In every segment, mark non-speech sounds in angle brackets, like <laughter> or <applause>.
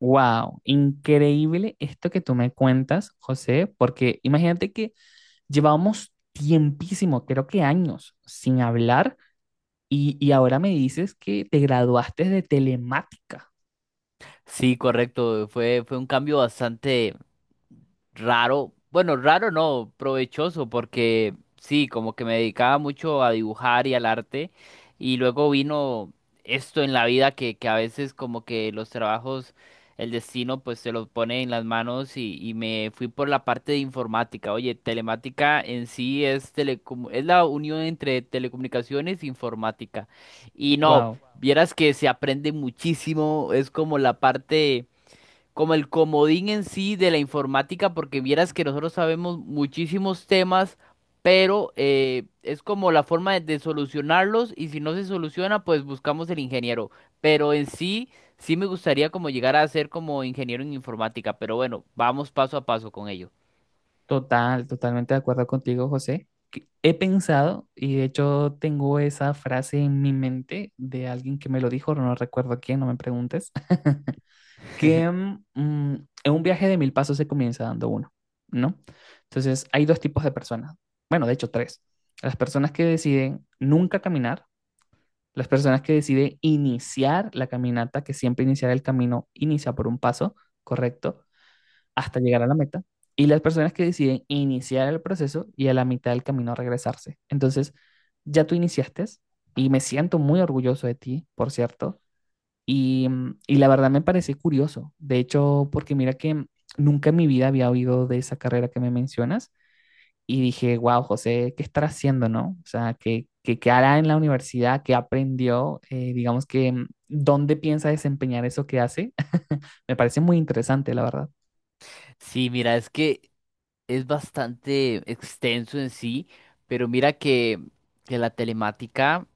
Wow, increíble esto que tú me cuentas, José, porque imagínate que llevábamos tiempísimo, creo que años, sin hablar y ahora me dices que te graduaste de telemática. Sí, correcto. Fue un cambio bastante raro. Bueno, raro no, provechoso, porque sí, como que me dedicaba mucho a dibujar y al arte. Y luego vino esto en la vida que a veces como que los trabajos, el destino pues se los pone en las manos y me fui por la parte de informática. Oye, telemática en sí es, telecom es la unión entre telecomunicaciones e informática. Y no. Wow, Vieras que se aprende muchísimo, es como la parte, como el comodín en sí de la informática, porque vieras que nosotros sabemos muchísimos temas, pero es como la forma de solucionarlos y si no se soluciona, pues buscamos el ingeniero. Pero en sí, sí me gustaría como llegar a ser como ingeniero en informática, pero bueno, vamos paso a paso con ello. Totalmente de acuerdo contigo, José. Que he pensado y de hecho tengo esa frase en mi mente de alguien que me lo dijo, no recuerdo quién, no me preguntes que <laughs> en un viaje de mil pasos se comienza dando uno, ¿no? Entonces, hay dos tipos de personas. Bueno, de hecho, tres. Las personas que deciden nunca caminar, las personas que deciden iniciar la caminata, que siempre iniciar el camino inicia por un paso, correcto, hasta llegar a la meta, y las personas que deciden iniciar el proceso y a la mitad del camino regresarse. Entonces, ya tú iniciaste y me siento muy orgulloso de ti, por cierto, y, y la verdad me parece curioso. De hecho, porque mira que nunca en mi vida había oído de esa carrera que me mencionas y dije, wow, José, ¿qué estará haciendo, no? O sea, ¿qué hará en la universidad? ¿Qué aprendió? Digamos que, ¿dónde piensa desempeñar eso que hace? <laughs> Me parece muy interesante, la verdad. Sí, mira, es que es bastante extenso en sí, pero mira que la telemática...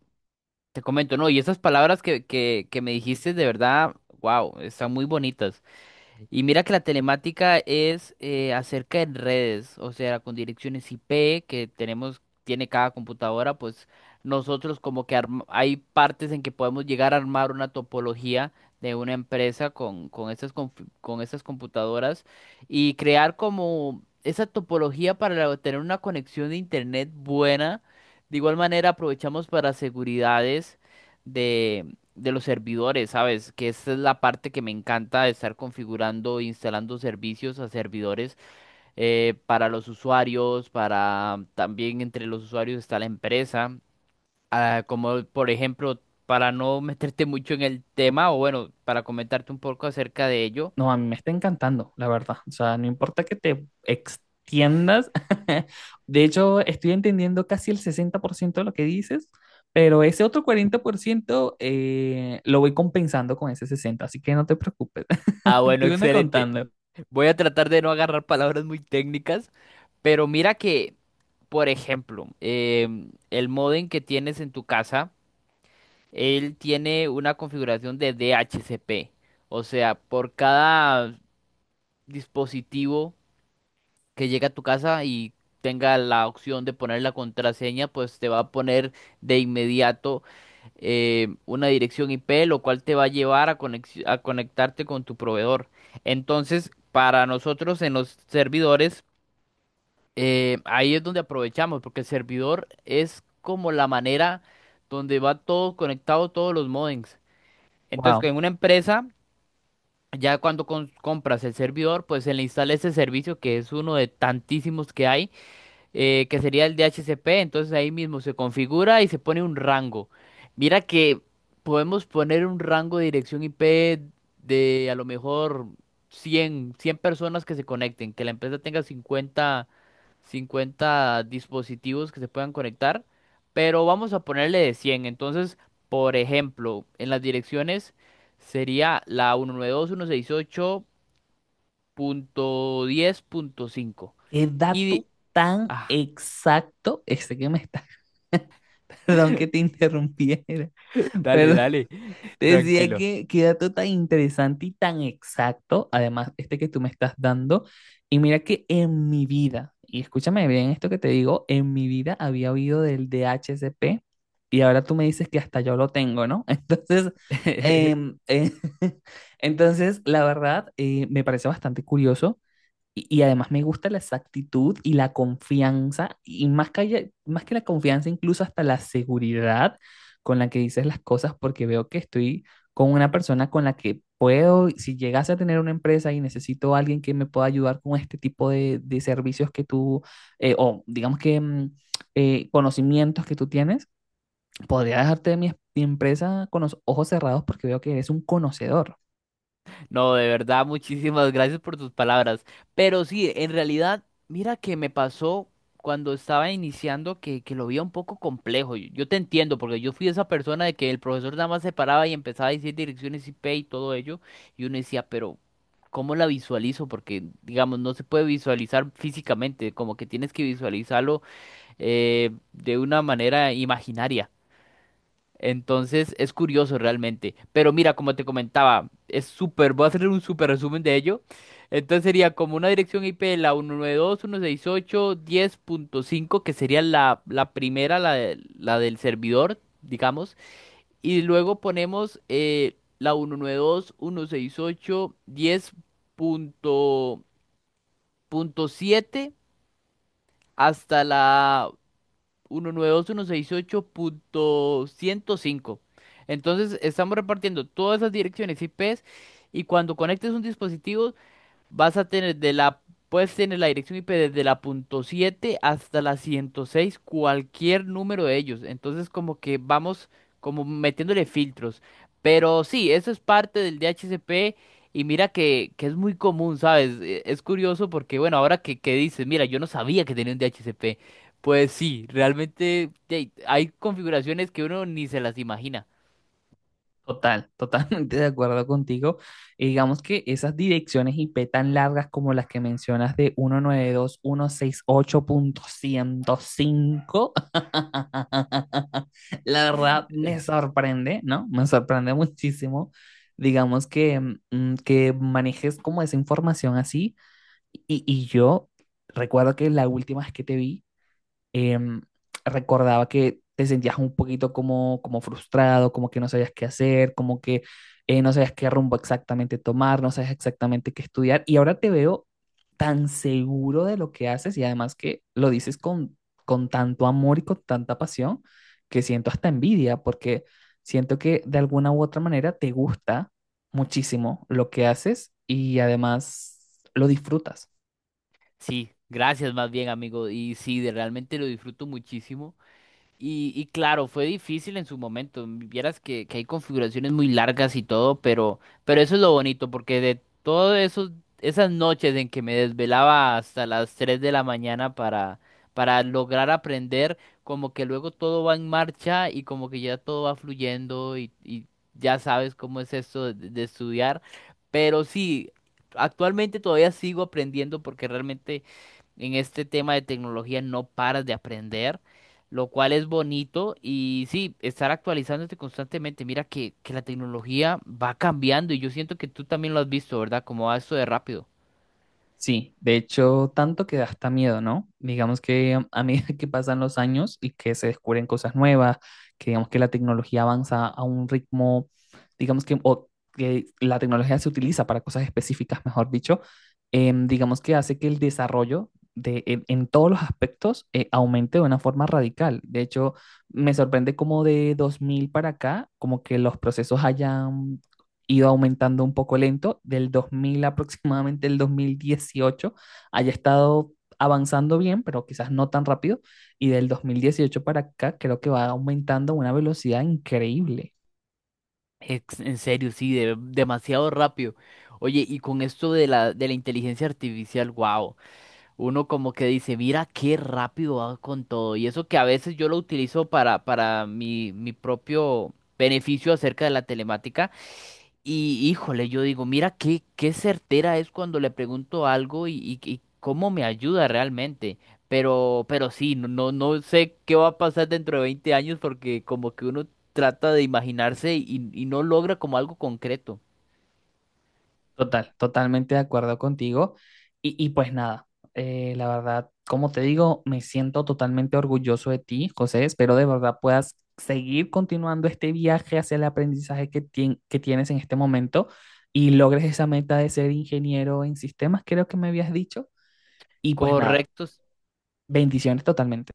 Te comento, no, y esas palabras que me dijiste de verdad, wow, están muy bonitas. Y mira que la telemática es acerca de redes, o sea, con direcciones IP que tenemos, tiene cada computadora, pues nosotros como que hay partes en que podemos llegar a armar una topología de una empresa con estas, con estas computadoras y crear como esa topología tener una conexión de internet buena. De igual manera aprovechamos para seguridades de los servidores, ¿sabes? Que esta es la parte que me encanta de estar configurando e instalando servicios a servidores para los usuarios, para también entre los usuarios está la empresa. Ah, como por ejemplo, para no <laughs> meterte mucho en el tema, o bueno, para comentarte un poco acerca de ello. No, a mí me está encantando, la verdad. O sea, no importa que te extiendas. <laughs> De hecho, estoy entendiendo casi el 60% de lo que dices, pero ese otro 40% lo voy compensando con ese 60%, así que no te preocupes. Ah, <laughs> bueno, Tú me excelente. contando. Voy a tratar de no agarrar palabras muy técnicas, pero mira que, por ejemplo, el modem que tienes en tu casa. Él tiene una configuración de DHCP. O sea, por cada dispositivo que llega a tu casa y tenga la opción de poner la contraseña, pues te va a poner de inmediato una dirección IP, lo cual te va a llevar a, a conectarte con tu proveedor. Entonces, para nosotros en los servidores, ahí es donde aprovechamos, porque el servidor es como la manera donde va todo conectado, todos los modems. Entonces, Wow, en una empresa, ya cuando compras el servidor, pues se le instala ese servicio que es uno de tantísimos que hay que sería el DHCP, entonces ahí mismo se configura y se pone un rango. Mira que podemos poner un rango de dirección IP de a lo mejor cien personas que se conecten, que la empresa tenga cincuenta dispositivos que se puedan conectar, pero vamos a ponerle de cien. Entonces, por ejemplo, en las direcciones sería la 192.168.10.5. Y, 2.168.10.5. qué Y, di- dato tan ah, exacto ese que me está. <laughs> Perdón que te interrumpiera. <laughs> dale, Perdón. dale. Te decía Tranquilo. que qué dato tan interesante y tan exacto, además este que tú me estás dando. Y mira que en mi vida, y escúchame bien esto que te digo, en mi vida había oído del DHCP y ahora tú me dices que hasta yo lo tengo, ¿no? <laughs> Entonces, <laughs> em, eh, <laughs> entonces la verdad, me parece bastante curioso y además me gusta la exactitud y la confianza, y más que, más que la confianza, incluso hasta la seguridad con la que dices las cosas, porque veo que estoy con una persona con la que puedo, si llegase a tener una empresa y necesito a alguien que me pueda ayudar con este tipo de servicios que tú, o digamos que conocimientos que tú tienes, podría dejarte mi empresa con los ojos cerrados porque veo que eres un conocedor. No, de verdad, muchísimas gracias por tus palabras. Pero sí, en realidad, mira que me pasó cuando estaba iniciando que lo veía un poco complejo. Yo te entiendo, porque yo fui esa persona de que el profesor nada más se paraba y empezaba a decir direcciones IP y todo ello. Y uno decía, pero ¿cómo la visualizo? Porque, digamos, no se puede visualizar físicamente, como que tienes que visualizarlo de una manera imaginaria. Entonces es curioso realmente. Pero mira, como te comentaba, es súper, voy a hacer un súper resumen de ello. Entonces sería como una dirección IP de la 192.168.10.5, que sería la, la primera, la del servidor, digamos. Y luego ponemos la 192.168.10.7 hasta la 192.168.105. Entonces estamos repartiendo todas esas direcciones IP y cuando conectes un dispositivo vas a tener de la, puedes tener la dirección IP desde la punto 7 hasta la 106 cualquier número de ellos. Entonces como que vamos como metiéndole filtros. Pero sí, eso es parte del DHCP y mira que es muy común, ¿sabes? Es curioso porque, bueno, ahora que dices, mira, yo no sabía que tenía un DHCP. Pues sí, realmente hay configuraciones que uno ni se las imagina. Total, <laughs> totalmente de acuerdo contigo. Y digamos que esas direcciones IP tan largas como las que mencionas de 192.168.105, <laughs> la verdad me sorprende, ¿no? Me sorprende muchísimo, digamos que, que manejes como esa información así. Y yo recuerdo que la última vez que te vi, em, recordaba que te sentías un poquito como, como frustrado, como que no sabías qué hacer, como que no sabías qué rumbo exactamente tomar, no sabías exactamente qué estudiar. Y ahora te veo tan seguro de lo que haces y además que lo dices con tanto amor y con tanta pasión que siento hasta envidia porque siento que de alguna u otra manera te gusta muchísimo lo que haces y además lo disfrutas. Sí, gracias más bien, amigo. Y sí, realmente lo disfruto muchísimo. Y claro, fue difícil en su momento. Vieras que hay configuraciones muy largas y todo, pero eso es lo bonito, porque de todas esos, esas noches en que me desvelaba hasta las 3 de la mañana para lograr aprender, como que luego todo va en marcha y como que ya todo va fluyendo y ya sabes cómo es esto de estudiar. Pero sí, actualmente todavía sigo aprendiendo porque realmente en este tema de tecnología no paras de aprender, lo cual es bonito y sí, estar actualizándote constantemente. Mira que la tecnología va cambiando y yo siento que tú también lo has visto, ¿verdad? Como va esto de rápido. Sí, de hecho, tanto que da hasta miedo, ¿no? Digamos que a medida que pasan los años y que se descubren cosas nuevas, que digamos que la tecnología avanza a un ritmo, digamos que, o que la tecnología se utiliza para cosas específicas, mejor dicho, digamos que hace que el desarrollo de, en todos los aspectos aumente de una forma radical. De hecho, me sorprende cómo de 2000 para acá, como que los procesos hayan iba aumentando un poco lento, del 2000 aproximadamente, el 2018, haya estado avanzando bien, pero quizás no tan rápido, y del 2018 para acá creo que va aumentando a una velocidad increíble. En serio, sí, demasiado rápido. Oye, y con esto de la inteligencia artificial, wow, uno como que dice, mira qué rápido va con todo. Y eso que a veces yo lo utilizo para mi propio beneficio acerca de la telemática. Y híjole, yo digo, mira qué, certera es cuando le pregunto algo y, y cómo me ayuda realmente. Pero sí, no sé qué va a pasar dentro de 20 años porque como que uno trata de imaginarse y no logra como algo concreto. Total, totalmente de acuerdo contigo. Y pues nada, la verdad, como te digo, me siento totalmente orgulloso de ti, José. Espero de verdad puedas seguir continuando este viaje hacia el aprendizaje que, que tienes en este momento y logres esa meta de ser ingeniero en sistemas, creo que me habías dicho. Y pues nada, Correctos. bendiciones totalmente.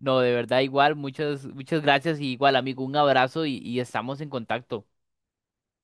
No, de verdad, igual, muchas, muchas gracias y igual, amigo, un abrazo y estamos en contacto.